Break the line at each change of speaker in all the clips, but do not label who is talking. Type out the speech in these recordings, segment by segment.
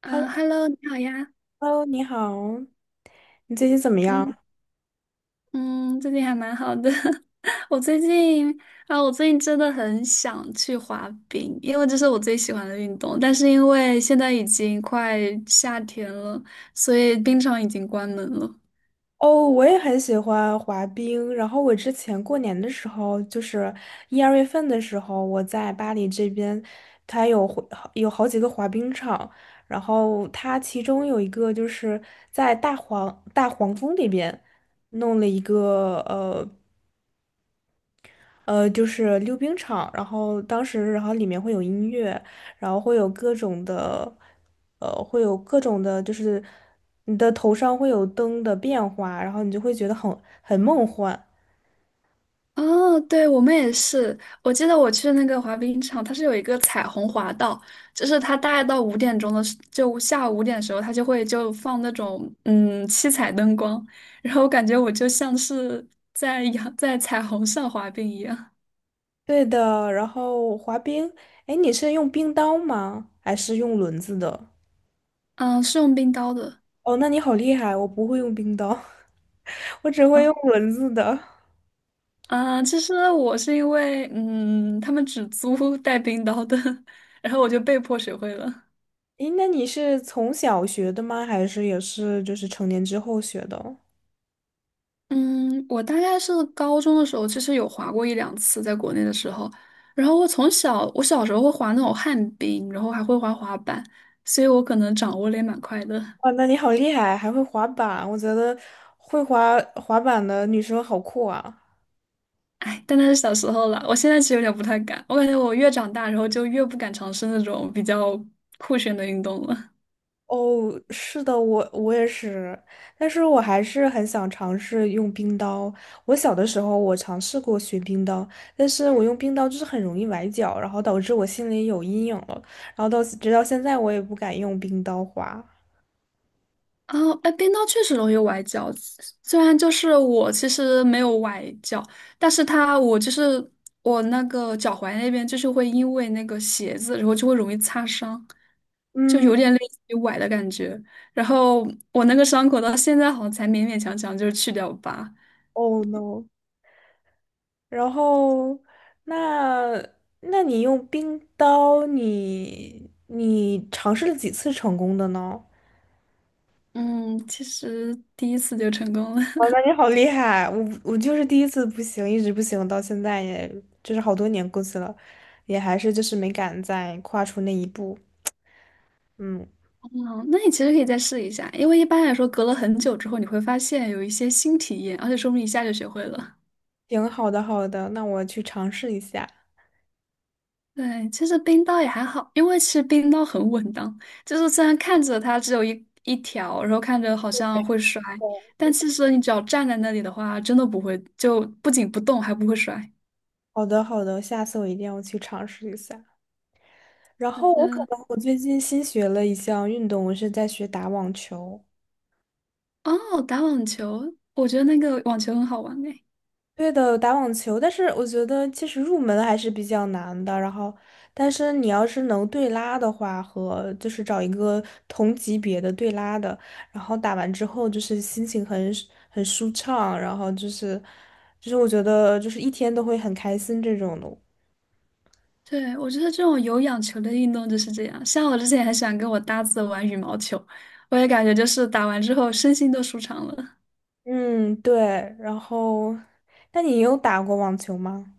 啊，Hello，你好呀。
Hello，你好，你最近怎么
嗯
样？
嗯，最近还蛮好的。我最近我最近真的很想去滑冰，因为这是我最喜欢的运动。但是因为现在已经快夏天了，所以冰场已经关门了。
哦，我也很喜欢滑冰。然后我之前过年的时候，就是一二月份的时候，我在巴黎这边，它有好几个滑冰场。然后它其中有一个就是在大黄蜂里边弄了一个。就是溜冰场，然后然后里面会有音乐，然后会有各种的，呃，会有各种的，就是你的头上会有灯的变化，然后你就会觉得很梦幻。
哦，对，我们也是。我记得我去那个滑冰场，它是有一个彩虹滑道，就是它大概到5点钟的时，就下午5点的时候，它就会就放那种七彩灯光，然后我感觉我就像是在彩虹上滑冰一样。
对的，然后滑冰，哎，你是用冰刀吗？还是用轮子的？
嗯，是用冰刀的。
哦，那你好厉害，我不会用冰刀，我只会
哦
用轮子的。
啊，其实我是因为他们只租带冰刀的，然后我就被迫学会了。
诶，那你是从小学的吗？还是也是就是成年之后学的？
嗯，我大概是高中的时候，其实有滑过一两次，在国内的时候。然后我从小，我小时候会滑那种旱冰，然后还会滑滑板，所以我可能掌握的也蛮快的。
哇，那你好厉害，还会滑板，我觉得会滑滑板的女生好酷啊！
哎，但那是小时候了，我现在其实有点不太敢。我感觉我越长大，然后就越不敢尝试那种比较酷炫的运动了。
哦，是的，我也是，但是我还是很想尝试用冰刀。我小的时候我尝试过学冰刀，但是我用冰刀就是很容易崴脚，然后导致我心里有阴影了，然后直到现在我也不敢用冰刀滑。
哦，哎，冰刀确实容易崴脚。虽然就是我其实没有崴脚，但是它我就是我那个脚踝那边就是会因为那个鞋子，然后就会容易擦伤，就
嗯
有点类似于崴的感觉。然后我那个伤口到现在好像才勉勉强强就是去掉疤。
，Oh no！然后，那那你用冰刀，你尝试了几次成功的呢？
嗯，其实第一次就成功了。
哇，那 你好厉害！我就是第一次不行，一直不行，到现在也就是好多年过去了，也还是就是没敢再跨出那一步。嗯，
嗯，那你其实可以再试一下，因为一般来说隔了很久之后，你会发现有一些新体验，而且说不定一下就学会了。
行，好的，好的，那我去尝试一下。
对，其实冰刀也还好，因为其实冰刀很稳当，就是虽然看着它只有一条，然后看着好像会摔，但其实你只要站在那里的话，真的不会，就不仅不动，还不会摔。
好的，好的，下次我一定要去尝试一下。然
好
后我可
的，
能我最近新学了一项运动，我是在学打网球。
哦，打网球，我觉得那个网球很好玩诶。
对的，打网球，但是我觉得其实入门还是比较难的。然后，但是你要是能对拉的话，和就是找一个同级别的对拉的，然后打完之后就是心情很舒畅，然后就是我觉得就是一天都会很开心这种的。
对，我觉得这种有氧球的运动就是这样，像我之前也很喜欢跟我搭子玩羽毛球，我也感觉就是打完之后身心都舒畅了。
嗯，对。然后，那你有打过网球吗？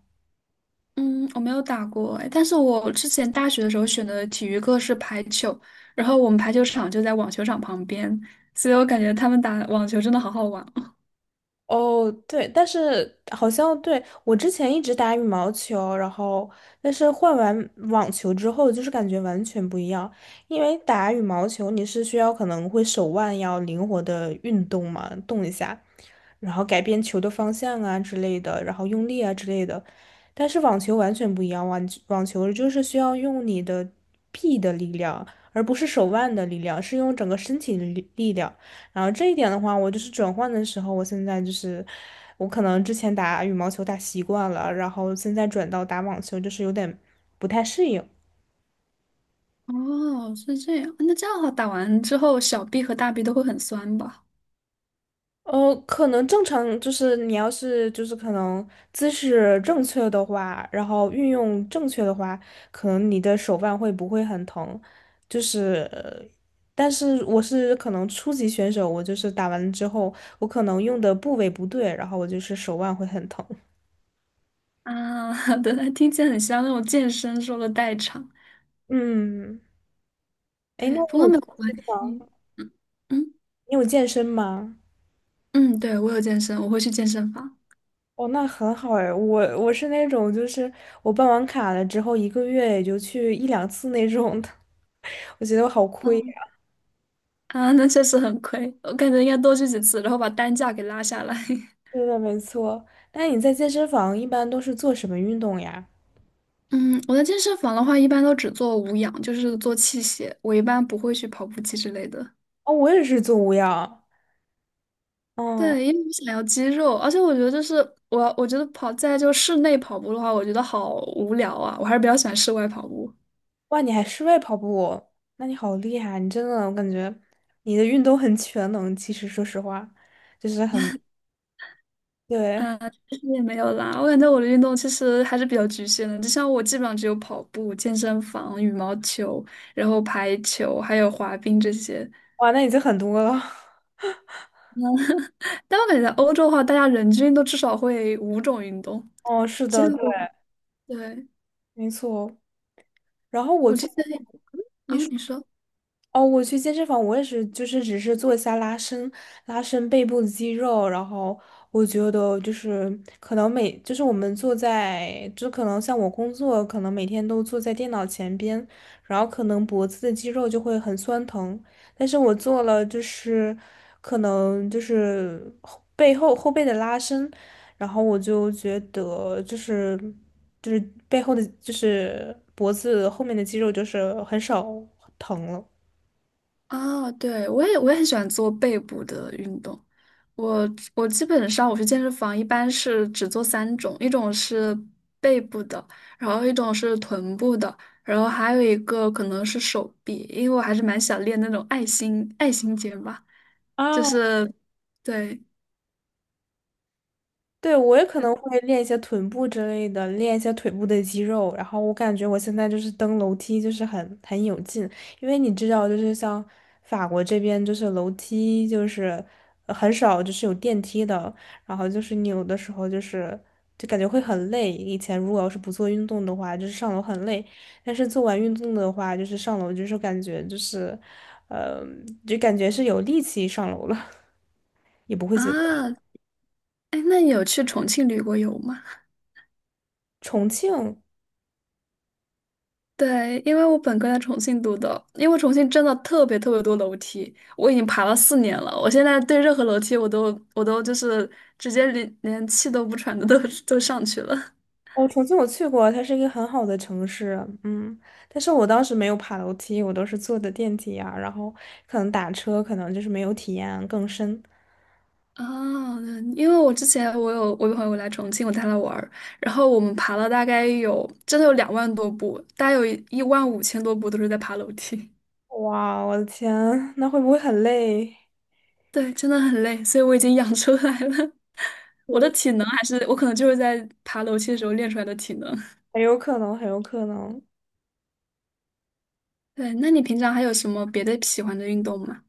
嗯，我没有打过哎，但是我之前大学的时候选的体育课是排球，然后我们排球场就在网球场旁边，所以我感觉他们打网球真的好好玩。
哦，对，但是好像对，我之前一直打羽毛球，然后但是换完网球之后，就是感觉完全不一样。因为打羽毛球你是需要可能会手腕要灵活的运动嘛，动一下，然后改变球的方向啊之类的，然后用力啊之类的。但是网球完全不一样，网球就是需要用你的臂的力量，而不是手腕的力量，是用整个身体的力量。然后这一点的话，我就是转换的时候，我现在就是我可能之前打羽毛球打习惯了，然后现在转到打网球，就是有点不太适应。
哦，是这样，那这样的话打完之后小臂和大臂都会很酸吧？
可能正常就是你要是就是可能姿势正确的话，然后运用正确的话，可能你的手腕会不会很疼？就是，但是我是可能初级选手，我就是打完之后，我可能用的部位不对，然后我就是手腕会很疼。
啊，对，听起来很像那种健身说的代偿。
嗯。哎，那
对，不
你
过
有
没
健
有关
身吗？
系。嗯嗯
你有健身吗？
嗯，对，我有健身，我会去健身房。
哦，那很好哎，我是那种就是我办完卡了之后一个月也就去一两次那种的，我觉得我好亏呀。
啊，那确实很亏，我感觉应该多去几次，然后把单价给拉下来。
对的，没错。那你在健身房一般都是做什么运动呀？
嗯，我在健身房的话，一般都只做无氧，就是做器械。我一般不会去跑步机之类的。
哦，我也是做无氧。嗯，
对，因为我想要肌肉，而且我觉得就是我觉得跑在就室内跑步的话，我觉得好无聊啊，我还是比较喜欢室外跑步。
哇，你还室外跑步，那你好厉害啊！你真的，我感觉你的运动很全能。其实说实话，就是很，对，
嗯，其实也没有啦，我感觉我的运动其实还是比较局限的，就像我基本上只有跑步、健身房、羽毛球，然后排球，还有滑冰这些。
哇，那已经很多了。
但我感觉在欧洲的话，大家人均都至少会五种运动，
哦，是
这
的，
样
对，
我对。
没错。然后我
我
去
之
健
前
身，
啊，
你说。
你说
哦，我去健身房，我也是，就是只是做一下拉伸，拉伸背部的肌肉，然后我觉得就是可能每，就是我们坐在，就可能像我工作，可能每天都坐在电脑前边，然后可能脖子的肌肉就会很酸疼，但是我做了就是可能就是后背的拉伸，然后我就觉得就是背后的就是脖子后面的肌肉就是很少疼了。
啊，对，我也很喜欢做背部的运动。我我基本上我去健身房一般是只做三种，一种是背部的，然后一种是臀部的，然后还有一个可能是手臂，因为我还是蛮想练那种爱心肩吧，就
啊，
是对，
对，我也可
嗯
能会练一些臀部之类的，练一些腿部的肌肉。然后我感觉我现在就是登楼梯就是很有劲，因为你知道，就是像法国这边就是楼梯就是很少就是有电梯的，然后就是你有的时候就是就感觉会很累。以前如果要是不做运动的话，就是上楼很累，但是做完运动的话，就是上楼就是感觉就是，呃，就感觉是有力气上楼了，也不会觉得。
啊，哎，那你有去重庆旅过游吗？
重庆。
对，因为我本科在重庆读的，因为重庆真的特别特别多楼梯，我已经爬了4年了，我现在对任何楼梯我都就是直接连气都不喘的都 都上去了。
哦，重庆我去过啊，它是一个很好的城市，嗯，但是我当时没有爬楼梯，我都是坐的电梯呀，然后可能打车，可能就是没有体验更深。
哦，对因为我之前我有朋友来重庆，我带他玩儿，然后我们爬了大概有真的有2万多步，大概有1万5千多步都是在爬楼梯。
哇，我的天，那会不会很累？
对，真的很累，所以我已经养出来了。我的
嗯
体能还是我可能就是在爬楼梯的时候练出来的体能。
很有可能，很有可能。
对，那你平常还有什么别的喜欢的运动吗？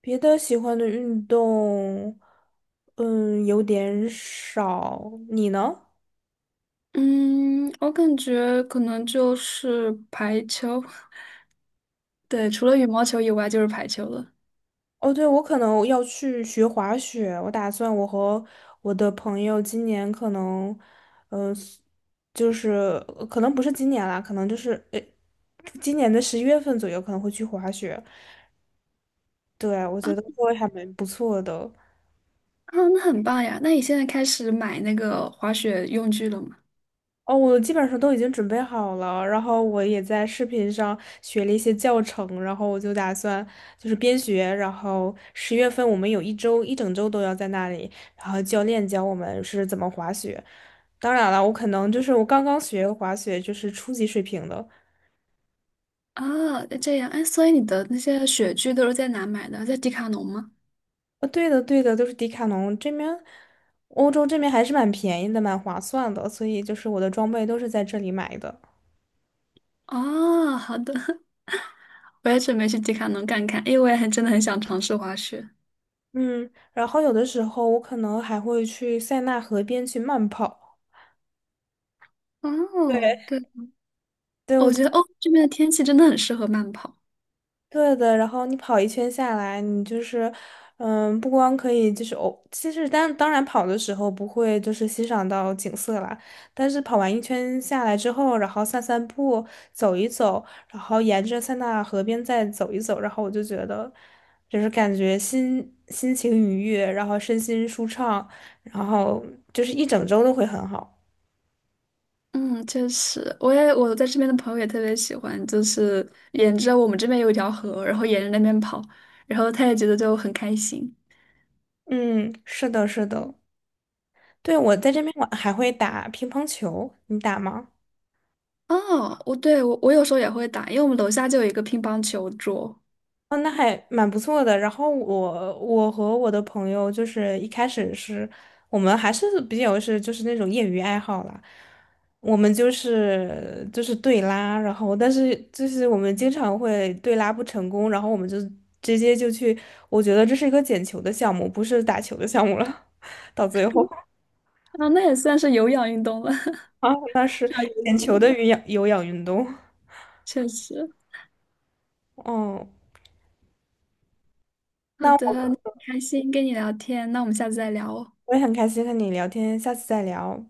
别的喜欢的运动，有点少。你呢？
嗯，我感觉可能就是排球，对，除了羽毛球以外就是排球了。
哦，对，我可能要去学滑雪，我打算我和我的朋友今年可能，嗯，就是可能不是今年啦，可能就是今年的十一月份左右可能会去滑雪。对，我
啊
觉得会还蛮不错的。
啊，那很棒呀！那你现在开始买那个滑雪用具了吗？
哦，我基本上都已经准备好了，然后我也在视频上学了一些教程，然后我就打算就是边学，然后十月份我们有一整周都要在那里，然后教练教我们是怎么滑雪。当然了，我可能就是我刚刚学滑雪，就是初级水平的。
啊，这样，哎，所以你的那些雪具都是在哪买的？在迪卡侬吗？
对的，对的，都是迪卡侬这边，欧洲这边还是蛮便宜的，蛮划算的，所以就是我的装备都是在这里买的。
哦，好的，我也准备去迪卡侬看看，因为我也很真的很想尝试滑雪。
嗯，然后有的时候我可能还会去塞纳河边去慢跑。对，
哦，对，
对
哦
我。
我觉得哦，这边的天气真的很适合慢跑。
对的，然后你跑一圈下来，你就是，不光可以就是哦，其实当然跑的时候不会就是欣赏到景色啦，但是跑完一圈下来之后，然后散散步，走一走，然后沿着塞纳河边再走一走，然后我就觉得，就是感觉心情愉悦，然后身心舒畅，然后就是一整周都会很好。
嗯，确实，我在这边的朋友也特别喜欢，就是沿着我们这边有一条河，然后沿着那边跑，然后他也觉得就很开心。
嗯，是的，是的，对，我在这边我还会打乒乓球，你打吗？
哦，我对我我有时候也会打，因为我们楼下就有一个乒乓球桌，
哦，那还蛮不错的。然后我和我的朋友就是一开始是我们还是比较是就是那种业余爱好啦，我们就是对拉，然后但是就是我们经常会对拉不成功，然后我们就直接就去，我觉得这是一个捡球的项目，不是打球的项目了。到最后
啊，那也算是有氧运动了，上
啊，
有
捡
氧
球的
了，
有氧运动。
确实。
哦，
好
那
的，那很
我
开心跟你聊天，那我们下次再聊哦。
我也很开心和你聊天，下次再聊。